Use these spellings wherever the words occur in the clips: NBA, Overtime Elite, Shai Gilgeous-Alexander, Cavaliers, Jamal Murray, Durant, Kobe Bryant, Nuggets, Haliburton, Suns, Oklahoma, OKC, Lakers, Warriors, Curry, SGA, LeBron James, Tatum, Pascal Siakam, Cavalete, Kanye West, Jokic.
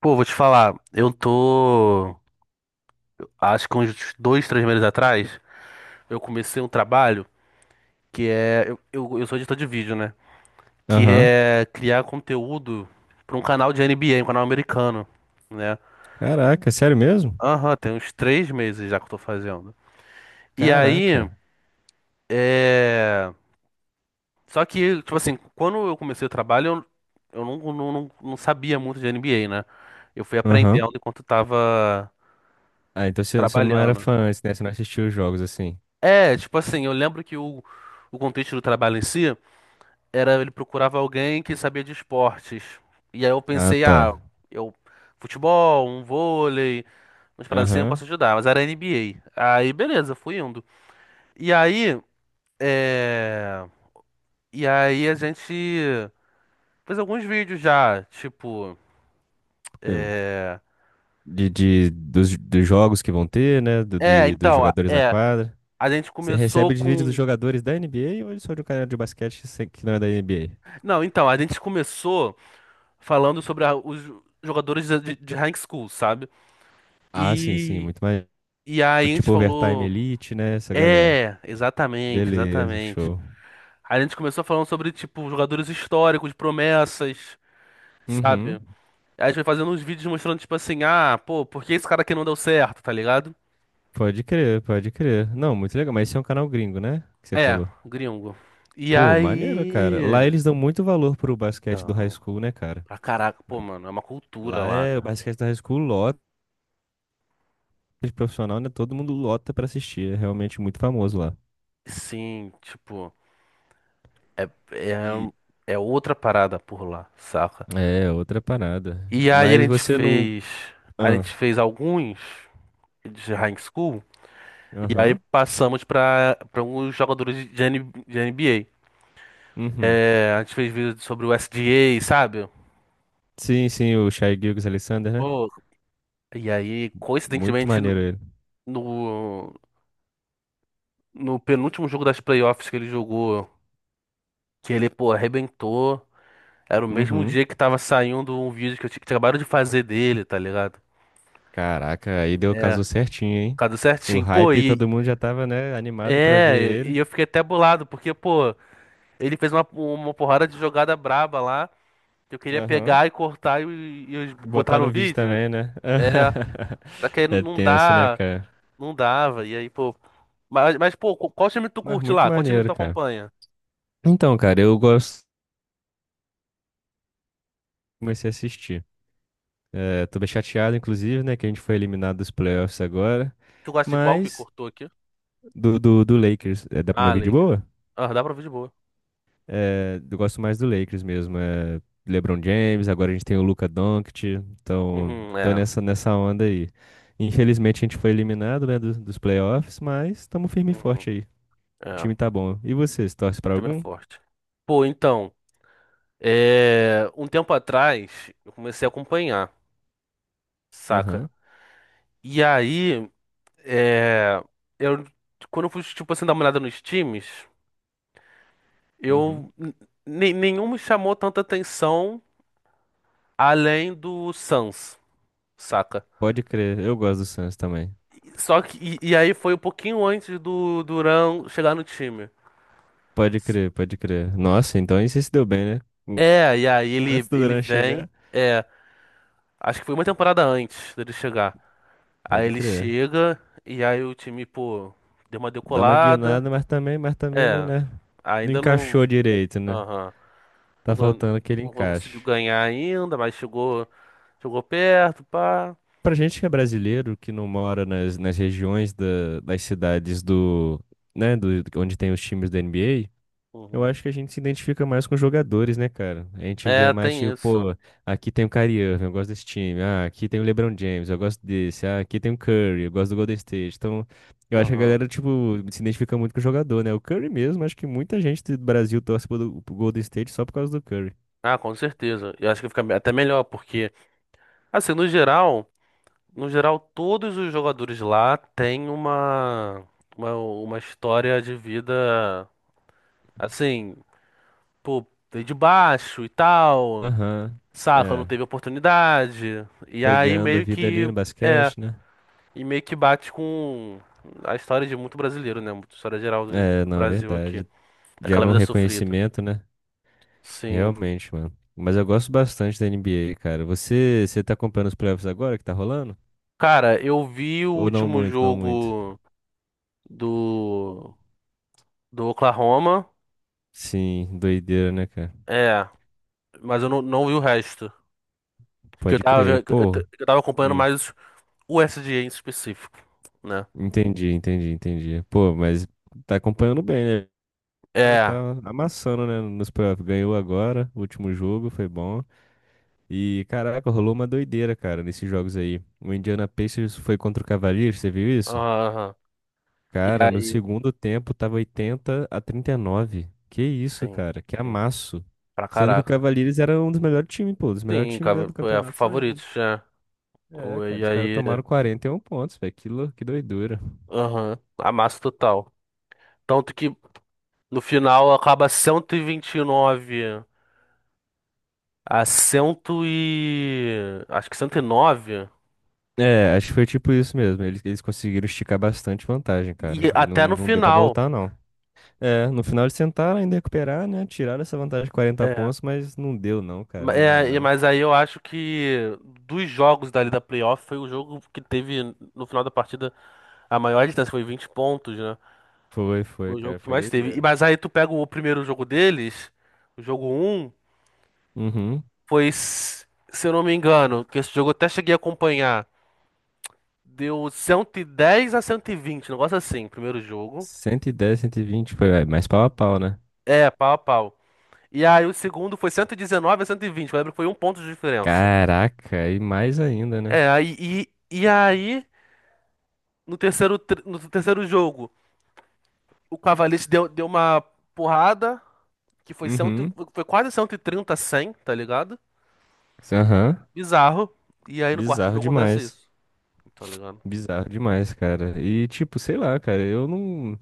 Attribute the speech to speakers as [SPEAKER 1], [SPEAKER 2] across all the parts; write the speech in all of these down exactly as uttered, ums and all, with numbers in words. [SPEAKER 1] Pô, vou te falar, eu tô, acho que uns dois, três meses atrás, eu comecei um trabalho que é, eu, eu, eu sou editor de vídeo, né? Que
[SPEAKER 2] Aham.
[SPEAKER 1] é criar conteúdo pra um canal de N B A, um canal americano, né?
[SPEAKER 2] Caraca, sério mesmo?
[SPEAKER 1] Aham, tem uns três meses já que eu tô fazendo. E aí,
[SPEAKER 2] Caraca.
[SPEAKER 1] é... só que, tipo assim, quando eu comecei o trabalho, eu, eu não, não, não, não sabia muito de N B A, né? Eu fui aprendendo
[SPEAKER 2] Aham.
[SPEAKER 1] enquanto tava
[SPEAKER 2] Ah, então você você não era
[SPEAKER 1] trabalhando.
[SPEAKER 2] fã antes, né? Você não assistiu os jogos assim.
[SPEAKER 1] É, tipo assim, eu lembro que o, o contexto do trabalho em si era ele procurava alguém que sabia de esportes. E aí eu
[SPEAKER 2] Ah,
[SPEAKER 1] pensei, ah,
[SPEAKER 2] tá.
[SPEAKER 1] eu futebol, um vôlei, umas paradas assim eu posso
[SPEAKER 2] Aham.
[SPEAKER 1] ajudar, mas era N B A. Aí beleza, eu fui indo. E aí, é... e aí a gente fez alguns vídeos já, tipo,
[SPEAKER 2] Eu- De, de, dos, dos jogos que vão ter, né? Do,
[SPEAKER 1] é,
[SPEAKER 2] de, dos
[SPEAKER 1] então, a-
[SPEAKER 2] jogadores na
[SPEAKER 1] é,
[SPEAKER 2] quadra.
[SPEAKER 1] a gente
[SPEAKER 2] Você
[SPEAKER 1] começou
[SPEAKER 2] recebe os vídeos dos
[SPEAKER 1] com,
[SPEAKER 2] jogadores da N B A ou só de um canal de basquete que você- que não é da N B A?
[SPEAKER 1] não, então, a gente começou falando sobre a- os jogadores de de- de high school, sabe?
[SPEAKER 2] Ah, sim, sim.
[SPEAKER 1] E
[SPEAKER 2] Muito mais.
[SPEAKER 1] E aí a gente
[SPEAKER 2] Tipo Overtime
[SPEAKER 1] falou,
[SPEAKER 2] Elite, né? Essa galera.
[SPEAKER 1] é, exatamente,
[SPEAKER 2] Beleza,
[SPEAKER 1] exatamente.
[SPEAKER 2] show.
[SPEAKER 1] Aí a gente começou falando sobre, tipo, jogadores históricos, promessas, sabe?
[SPEAKER 2] Uhum.
[SPEAKER 1] Aí a gente foi fazendo uns vídeos mostrando, tipo assim, ah, pô, por que esse cara aqui não deu certo, tá ligado?
[SPEAKER 2] Pode crer, pode crer. Não, muito legal. Mas esse é um canal gringo, né? Que você
[SPEAKER 1] É,
[SPEAKER 2] falou.
[SPEAKER 1] gringo. E
[SPEAKER 2] Pô, maneiro, cara. Lá
[SPEAKER 1] aí.
[SPEAKER 2] eles dão muito valor pro basquete do high
[SPEAKER 1] Então,
[SPEAKER 2] school, né, cara?
[SPEAKER 1] pra caraca, pô,
[SPEAKER 2] Vai.
[SPEAKER 1] mano, é uma cultura
[SPEAKER 2] Lá
[SPEAKER 1] lá,
[SPEAKER 2] é o
[SPEAKER 1] né?
[SPEAKER 2] basquete do high school lota, de profissional, né? Todo mundo lota pra assistir. É realmente muito famoso lá.
[SPEAKER 1] Sim, tipo, é, é,
[SPEAKER 2] E
[SPEAKER 1] é outra parada por lá, saca?
[SPEAKER 2] é outra parada.
[SPEAKER 1] E aí a
[SPEAKER 2] Mas
[SPEAKER 1] gente
[SPEAKER 2] você não.
[SPEAKER 1] fez. A gente
[SPEAKER 2] Ah,
[SPEAKER 1] fez alguns de high school. E aí
[SPEAKER 2] aham.
[SPEAKER 1] passamos para para alguns jogadores de, N de N B A.
[SPEAKER 2] Uhum.
[SPEAKER 1] É, a gente fez vídeo sobre o S G A, sabe?
[SPEAKER 2] Sim, sim, o Shai Gilgeous-Alexander, né?
[SPEAKER 1] Pô, e aí,
[SPEAKER 2] Muito
[SPEAKER 1] coincidentemente,
[SPEAKER 2] maneiro
[SPEAKER 1] no,
[SPEAKER 2] ele.
[SPEAKER 1] no, no penúltimo jogo das playoffs que ele jogou, que ele, pô, arrebentou, era o mesmo
[SPEAKER 2] Uhum.
[SPEAKER 1] dia que tava saindo um vídeo que eu tinha que acabaram de fazer dele, tá ligado?
[SPEAKER 2] Caraca, aí deu
[SPEAKER 1] É,
[SPEAKER 2] casou certinho, hein?
[SPEAKER 1] cadê
[SPEAKER 2] O
[SPEAKER 1] certinho. Pô,
[SPEAKER 2] hype,
[SPEAKER 1] e,
[SPEAKER 2] todo mundo já tava, né, animado pra ver
[SPEAKER 1] é, e
[SPEAKER 2] ele.
[SPEAKER 1] eu fiquei até bolado, porque, pô, ele fez uma, uma porrada de jogada braba lá. Eu queria
[SPEAKER 2] Aham.
[SPEAKER 1] pegar e cortar e, e
[SPEAKER 2] E
[SPEAKER 1] botar
[SPEAKER 2] botar
[SPEAKER 1] no
[SPEAKER 2] no vídeo
[SPEAKER 1] vídeo.
[SPEAKER 2] também, né?
[SPEAKER 1] É. Só que aí
[SPEAKER 2] É
[SPEAKER 1] não
[SPEAKER 2] tenso, né,
[SPEAKER 1] dá.
[SPEAKER 2] cara?
[SPEAKER 1] Não dava. E aí, pô. Mas, mas, pô, qual time tu
[SPEAKER 2] Mas
[SPEAKER 1] curte
[SPEAKER 2] muito
[SPEAKER 1] lá? Qual time que
[SPEAKER 2] maneiro,
[SPEAKER 1] tu
[SPEAKER 2] cara.
[SPEAKER 1] acompanha?
[SPEAKER 2] Então, cara, eu gosto. Comecei a assistir. É, tô bem chateado, inclusive, né? Que a gente foi eliminado dos playoffs agora.
[SPEAKER 1] Tu gosta de qual que
[SPEAKER 2] Mas
[SPEAKER 1] cortou aqui?
[SPEAKER 2] do, do, do Lakers. É, dá pro meu
[SPEAKER 1] Ah,
[SPEAKER 2] vídeo
[SPEAKER 1] Leica.
[SPEAKER 2] boa?
[SPEAKER 1] Ah, dá pra ouvir de boa.
[SPEAKER 2] É, eu gosto mais do Lakers mesmo. É, LeBron James, agora a gente tem o Luka Doncic. Então,
[SPEAKER 1] Uhum,
[SPEAKER 2] tô
[SPEAKER 1] é.
[SPEAKER 2] nessa, nessa onda aí. Infelizmente a gente foi eliminado, né, dos, dos playoffs, mas tamo firme e
[SPEAKER 1] Uhum,
[SPEAKER 2] forte aí. O
[SPEAKER 1] é. O
[SPEAKER 2] time tá bom. E você, você torce pra
[SPEAKER 1] time é
[SPEAKER 2] algum?
[SPEAKER 1] forte. Pô, então. É... Um tempo atrás, eu comecei a acompanhar, saca?
[SPEAKER 2] Aham.
[SPEAKER 1] E aí, é... eu. Quando eu fui, tipo assim, dar uma olhada nos times.
[SPEAKER 2] Uhum.
[SPEAKER 1] Eu ne- nenhum me chamou tanta atenção além do Suns, saca?
[SPEAKER 2] Pode crer. Eu gosto do Suns também.
[SPEAKER 1] Só que e, e aí foi um pouquinho antes do Durant chegar no time.
[SPEAKER 2] Pode crer, pode crer. Nossa, então aí você se deu bem, né? O-
[SPEAKER 1] É, e aí
[SPEAKER 2] Antes
[SPEAKER 1] ele
[SPEAKER 2] do
[SPEAKER 1] ele
[SPEAKER 2] Duran
[SPEAKER 1] vem,
[SPEAKER 2] chegar,
[SPEAKER 1] é, acho que foi uma temporada antes dele chegar. Aí
[SPEAKER 2] pode
[SPEAKER 1] ele
[SPEAKER 2] crer.
[SPEAKER 1] chega e aí o time, pô, deu uma
[SPEAKER 2] Dá uma
[SPEAKER 1] decolada.
[SPEAKER 2] guinada, mas também, mas também não,
[SPEAKER 1] É,
[SPEAKER 2] né? Não
[SPEAKER 1] ainda não,
[SPEAKER 2] encaixou direito, né?
[SPEAKER 1] aham, não,
[SPEAKER 2] Tá
[SPEAKER 1] gan-
[SPEAKER 2] faltando aquele
[SPEAKER 1] não conseguiu
[SPEAKER 2] encaixe.
[SPEAKER 1] ganhar ainda, mas chegou chegou perto, pá.
[SPEAKER 2] Pra gente que é brasileiro, que não mora nas, nas regiões da- das cidades do, né, do, onde tem os times da N B A, eu
[SPEAKER 1] Uhum.
[SPEAKER 2] acho que a gente se identifica mais com os jogadores, né, cara? A gente vê
[SPEAKER 1] É,
[SPEAKER 2] mais
[SPEAKER 1] tem
[SPEAKER 2] tipo,
[SPEAKER 1] isso.
[SPEAKER 2] pô, aqui tem o Kyrie Irving, eu gosto desse time. Ah, aqui tem o LeBron James, eu gosto desse. Ah, aqui tem o Curry, eu gosto do Golden State. Então, eu acho que a
[SPEAKER 1] Aham.
[SPEAKER 2] galera, tipo, se identifica muito com o jogador, né? O Curry mesmo, acho que muita gente do Brasil torce pro, pro Golden State só por causa do Curry.
[SPEAKER 1] Ah, com certeza. Eu acho que fica até melhor, porque, assim, no geral, no geral, todos os jogadores lá têm uma, uma, uma história de vida, assim, pô, veio de baixo e tal,
[SPEAKER 2] Aham.
[SPEAKER 1] saca, não
[SPEAKER 2] É,
[SPEAKER 1] teve oportunidade. E
[SPEAKER 2] foi
[SPEAKER 1] aí
[SPEAKER 2] ganhando a
[SPEAKER 1] meio
[SPEAKER 2] vida ali
[SPEAKER 1] que,
[SPEAKER 2] no
[SPEAKER 1] é,
[SPEAKER 2] basquete, né?
[SPEAKER 1] e meio que bate com a história de muito brasileiro, né? Muita história geral do
[SPEAKER 2] É, não, é
[SPEAKER 1] Brasil aqui,
[SPEAKER 2] verdade.
[SPEAKER 1] daquela
[SPEAKER 2] Gera um
[SPEAKER 1] vida sofrida.
[SPEAKER 2] reconhecimento, né?
[SPEAKER 1] Sim.
[SPEAKER 2] Realmente, mano. Mas eu gosto bastante da N B A, cara. Você, você tá acompanhando os playoffs agora que tá rolando?
[SPEAKER 1] Cara, eu vi o
[SPEAKER 2] Ou não
[SPEAKER 1] último
[SPEAKER 2] muito, não muito?
[SPEAKER 1] jogo do do Oklahoma,
[SPEAKER 2] Sim, doideira, né, cara?
[SPEAKER 1] é. Mas eu não, não vi o resto. Que eu
[SPEAKER 2] Pode
[SPEAKER 1] tava,
[SPEAKER 2] crer.
[SPEAKER 1] ve- eu,
[SPEAKER 2] Pô,
[SPEAKER 1] t- eu tava acompanhando
[SPEAKER 2] hum,
[SPEAKER 1] mais o S D A em específico, né?
[SPEAKER 2] entendi, entendi, entendi. Pô, mas tá acompanhando bem, né?
[SPEAKER 1] É.
[SPEAKER 2] Tá amassando, né, nos playoffs. Ganhou agora, o último jogo, foi bom. E, caraca, rolou uma doideira, cara, nesses jogos aí. O Indiana Pacers foi contra o Cavaliers, você viu isso?
[SPEAKER 1] Aham. E
[SPEAKER 2] Cara, no
[SPEAKER 1] aí,
[SPEAKER 2] segundo tempo tava oitenta a trinta e nove. Que isso,
[SPEAKER 1] sim,
[SPEAKER 2] cara? Que
[SPEAKER 1] sim.
[SPEAKER 2] amasso.
[SPEAKER 1] Pra
[SPEAKER 2] Sendo que o
[SPEAKER 1] caraca.
[SPEAKER 2] Cavaliers era um dos melhores times, pô. Os melhores
[SPEAKER 1] Sim,
[SPEAKER 2] times da-
[SPEAKER 1] cara,
[SPEAKER 2] do
[SPEAKER 1] é
[SPEAKER 2] campeonato são eles.
[SPEAKER 1] favoritos, já.
[SPEAKER 2] É,
[SPEAKER 1] E
[SPEAKER 2] cara, os caras
[SPEAKER 1] aí,
[SPEAKER 2] tomaram quarenta e um pontos, velho. Que, lou- que doidura.
[SPEAKER 1] aham. Amasso total. Tanto que no final acaba cento e e vinte e nove a cem e... Acho que cento e nove
[SPEAKER 2] É, acho que foi tipo isso mesmo. Eles, eles conseguiram esticar bastante vantagem, cara.
[SPEAKER 1] e
[SPEAKER 2] E não,
[SPEAKER 1] até no
[SPEAKER 2] não deu pra
[SPEAKER 1] final.
[SPEAKER 2] voltar, não. É, no final eles tentaram ainda recuperar, né? Tiraram essa vantagem de quarenta
[SPEAKER 1] É.
[SPEAKER 2] pontos, mas não deu, não, cara.
[SPEAKER 1] Ma-
[SPEAKER 2] Não dá,
[SPEAKER 1] é, e-
[SPEAKER 2] não.
[SPEAKER 1] mas aí eu acho que dos jogos dali da playoff foi o jogo que teve no final da partida a maior distância, foi vinte pontos, né?
[SPEAKER 2] Foi, foi,
[SPEAKER 1] Foi o jogo
[SPEAKER 2] cara.
[SPEAKER 1] que
[SPEAKER 2] Foi
[SPEAKER 1] mais teve. E,
[SPEAKER 2] doideira.
[SPEAKER 1] mas aí tu pega o primeiro jogo deles, o jogo um
[SPEAKER 2] Uhum.
[SPEAKER 1] foi, s- se eu não me engano, que esse jogo eu até cheguei a acompanhar, deu cento e dez a cento e vinte, um negócio assim, primeiro jogo.
[SPEAKER 2] cento e dez, cento e vinte. Foi, é, mais pau a pau, né?
[SPEAKER 1] É, pau a pau. E aí o segundo foi cento e dezenove a cento e vinte, eu lembro que foi um ponto de diferença.
[SPEAKER 2] Caraca, e mais ainda, né?
[SPEAKER 1] É, aí, e, e aí no terceiro, tr- no terceiro jogo. O Cavalete deu, deu uma porrada, que foi, cento,
[SPEAKER 2] Uhum.
[SPEAKER 1] foi quase cento e trinta a cem, tá ligado?
[SPEAKER 2] Aham.
[SPEAKER 1] Bizarro. E aí no quarto
[SPEAKER 2] Bizarro
[SPEAKER 1] jogo acontece
[SPEAKER 2] demais.
[SPEAKER 1] isso, tá ligado?
[SPEAKER 2] Bizarro demais, cara. E tipo, sei lá, cara, eu não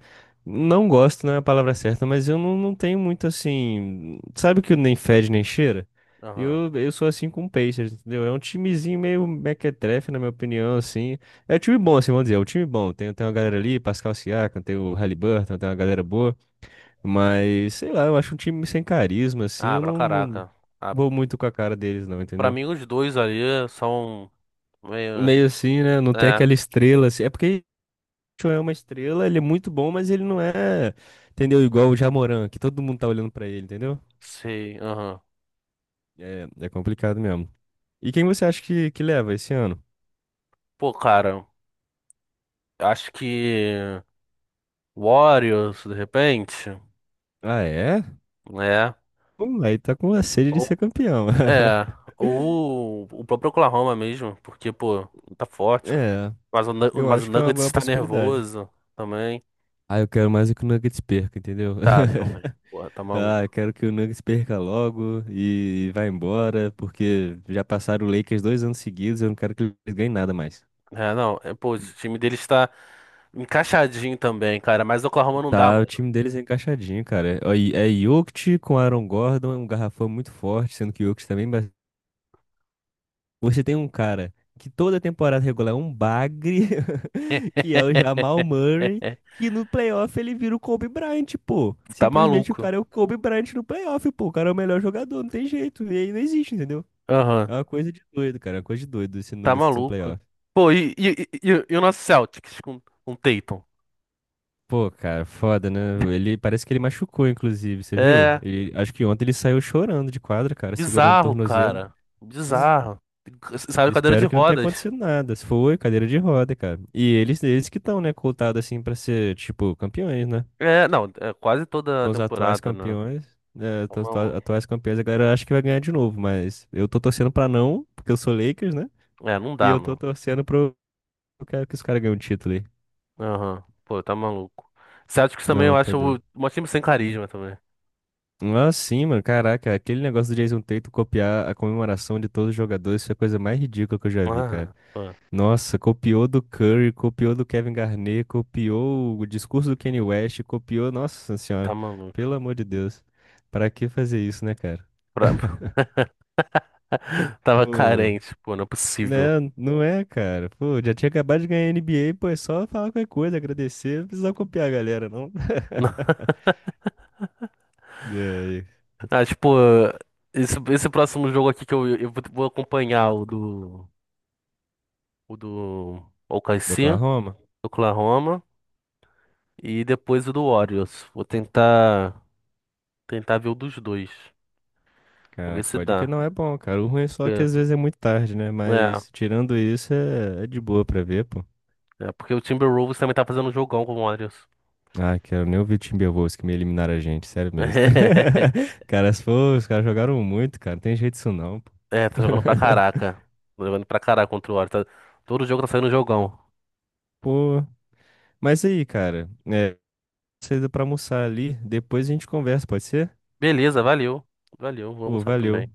[SPEAKER 2] não gosto, não é a palavra certa, mas eu não, não tenho muito assim, sabe que nem fede nem cheira?
[SPEAKER 1] Aham.
[SPEAKER 2] Eu, eu sou assim com o Pacers, entendeu? É um timezinho meio mequetrefe, na minha opinião, assim. É um time bom, assim, vamos dizer, é um time bom. Tem, tem uma galera ali,
[SPEAKER 1] Uhum.
[SPEAKER 2] Pascal Siakam, tem o Haliburton, tem uma galera boa. Mas, sei lá, eu acho um time sem carisma, assim,
[SPEAKER 1] Ah,
[SPEAKER 2] eu
[SPEAKER 1] pra
[SPEAKER 2] não, não
[SPEAKER 1] caraca. Ah,
[SPEAKER 2] vou muito com a cara deles, não,
[SPEAKER 1] pra
[SPEAKER 2] entendeu?
[SPEAKER 1] mim os dois ali são meio...
[SPEAKER 2] Meio assim, né? Não tem
[SPEAKER 1] É,
[SPEAKER 2] aquela estrela, assim. É porque o Show é uma estrela, ele é muito bom, mas ele não é, entendeu? Igual o Jamoran, que todo mundo tá olhando pra ele, entendeu?
[SPEAKER 1] sei, aham.
[SPEAKER 2] É, é complicado mesmo. E quem você acha que, que leva esse ano?
[SPEAKER 1] Pô, cara, acho que Warriors, de repente,
[SPEAKER 2] Ah, é?
[SPEAKER 1] né?
[SPEAKER 2] Hum, aí tá com a sede de
[SPEAKER 1] Ou,
[SPEAKER 2] ser campeão.
[SPEAKER 1] é, ou o próprio Oklahoma mesmo, porque, pô, tá forte.
[SPEAKER 2] É,
[SPEAKER 1] Mas o, Nu-
[SPEAKER 2] eu
[SPEAKER 1] mas o
[SPEAKER 2] acho que é uma
[SPEAKER 1] Nuggets
[SPEAKER 2] boa
[SPEAKER 1] está
[SPEAKER 2] possibilidade.
[SPEAKER 1] nervoso também.
[SPEAKER 2] Ah, eu quero mais é que o Nuggets perca, entendeu?
[SPEAKER 1] Tá, também. Porra, tá
[SPEAKER 2] Ah, eu
[SPEAKER 1] maluco.
[SPEAKER 2] quero que o Nuggets perca logo e vá embora, porque já passaram o Lakers dois anos seguidos, eu não quero que eles ganhem nada mais.
[SPEAKER 1] É, não. É, pô, o time dele está encaixadinho também, cara. Mas o Oklahoma não dá,
[SPEAKER 2] Tá, o
[SPEAKER 1] mano.
[SPEAKER 2] time deles é encaixadinho, cara. É, ó, e- é Jokic com Aaron Gordon, é um garrafão muito forte, sendo que o Jokic também, mas você tem um cara que toda temporada regular é um bagre, que é o Jamal Murray, que no playoff ele vira o Kobe Bryant, pô.
[SPEAKER 1] Tá
[SPEAKER 2] Simplesmente o
[SPEAKER 1] maluco.
[SPEAKER 2] cara é o Kobe Bryant no playoff, pô. O cara é o melhor jogador, não tem jeito. E aí não existe, entendeu?
[SPEAKER 1] Aham,
[SPEAKER 2] É uma coisa de doido, cara. É uma coisa de doido esse
[SPEAKER 1] tá
[SPEAKER 2] Nuggets no
[SPEAKER 1] maluco.
[SPEAKER 2] playoff.
[SPEAKER 1] Pô, e, e, e, e- e o nosso Celtics com, com o Tatum?
[SPEAKER 2] Pô, cara, foda, né? Ele parece que ele machucou, inclusive, você viu?
[SPEAKER 1] É
[SPEAKER 2] Ele- acho que ontem ele saiu chorando de quadra, cara, segurando o
[SPEAKER 1] bizarro,
[SPEAKER 2] tornozelo.
[SPEAKER 1] cara.
[SPEAKER 2] Es-
[SPEAKER 1] Bizarro. Saiu cadeira de
[SPEAKER 2] Espero que não tenha
[SPEAKER 1] rodas.
[SPEAKER 2] acontecido nada. Se foi, cadeira de roda, cara. E eles, eles que estão, né, cotados assim pra ser, tipo, campeões, né?
[SPEAKER 1] É, não, é quase toda a
[SPEAKER 2] São os atuais
[SPEAKER 1] temporada, né?
[SPEAKER 2] campeões. Né?
[SPEAKER 1] Tá
[SPEAKER 2] São os atua-
[SPEAKER 1] maluco.
[SPEAKER 2] atuais campeões, a galera acha que vai ganhar de novo, mas eu tô torcendo pra não, porque eu sou Lakers, né?
[SPEAKER 1] É, não
[SPEAKER 2] E
[SPEAKER 1] dá,
[SPEAKER 2] eu tô
[SPEAKER 1] não.
[SPEAKER 2] torcendo pro. Eu quero que os caras ganhem o título aí.
[SPEAKER 1] Aham. Pô, tá maluco. Celtics também eu
[SPEAKER 2] Não, tá
[SPEAKER 1] acho o-
[SPEAKER 2] doido.
[SPEAKER 1] um time sem carisma também.
[SPEAKER 2] Ah, sim, mano. Caraca, aquele negócio do Jason Tatum copiar a comemoração de todos os jogadores foi a coisa mais ridícula que eu já vi, cara.
[SPEAKER 1] Ah, pô,
[SPEAKER 2] Nossa, copiou do Curry, copiou do Kevin Garnett, copiou o discurso do Kanye West, copiou. Nossa
[SPEAKER 1] tá
[SPEAKER 2] senhora,
[SPEAKER 1] maluco.
[SPEAKER 2] pelo amor de Deus. Pra que fazer isso, né, cara?
[SPEAKER 1] Pra- Tava
[SPEAKER 2] Pô,
[SPEAKER 1] carente, pô, não é possível.
[SPEAKER 2] né, não é, cara. Pô, já tinha acabado de ganhar N B A, pô, é só falar qualquer coisa, agradecer, não precisa copiar a galera, não. E aí,
[SPEAKER 1] Ah, tipo, esse, esse próximo jogo aqui que eu, eu vou vou acompanhar o do, o do
[SPEAKER 2] do
[SPEAKER 1] O K C, do
[SPEAKER 2] Oklahoma?
[SPEAKER 1] Oklahoma, e depois o do Warriors. Vou tentar, tentar ver o dos dois. Vamos ver
[SPEAKER 2] Cara,
[SPEAKER 1] se
[SPEAKER 2] pode que
[SPEAKER 1] dá.
[SPEAKER 2] não é bom, cara. O ruim é só que
[SPEAKER 1] Porque-
[SPEAKER 2] às vezes é muito tarde, né?
[SPEAKER 1] É,
[SPEAKER 2] Mas tirando isso, é, é de boa pra ver, pô.
[SPEAKER 1] é porque o Timberwolves também tá fazendo um jogão com o Warriors.
[SPEAKER 2] Ah, quero nem ouvir o Timberwolves que me eliminaram a gente, sério mesmo. Cara, se for, os caras jogaram muito, cara. Não tem jeito isso não, pô.
[SPEAKER 1] É, tá jogando pra caraca. Tá jogando pra caraca contra o Warriors. Tá- Todo jogo tá saindo jogão.
[SPEAKER 2] Pô, mas aí, cara, é, saída pra almoçar ali, depois a gente conversa, pode ser?
[SPEAKER 1] Beleza, valeu. Valeu, vou
[SPEAKER 2] Pô,
[SPEAKER 1] almoçar também.
[SPEAKER 2] valeu.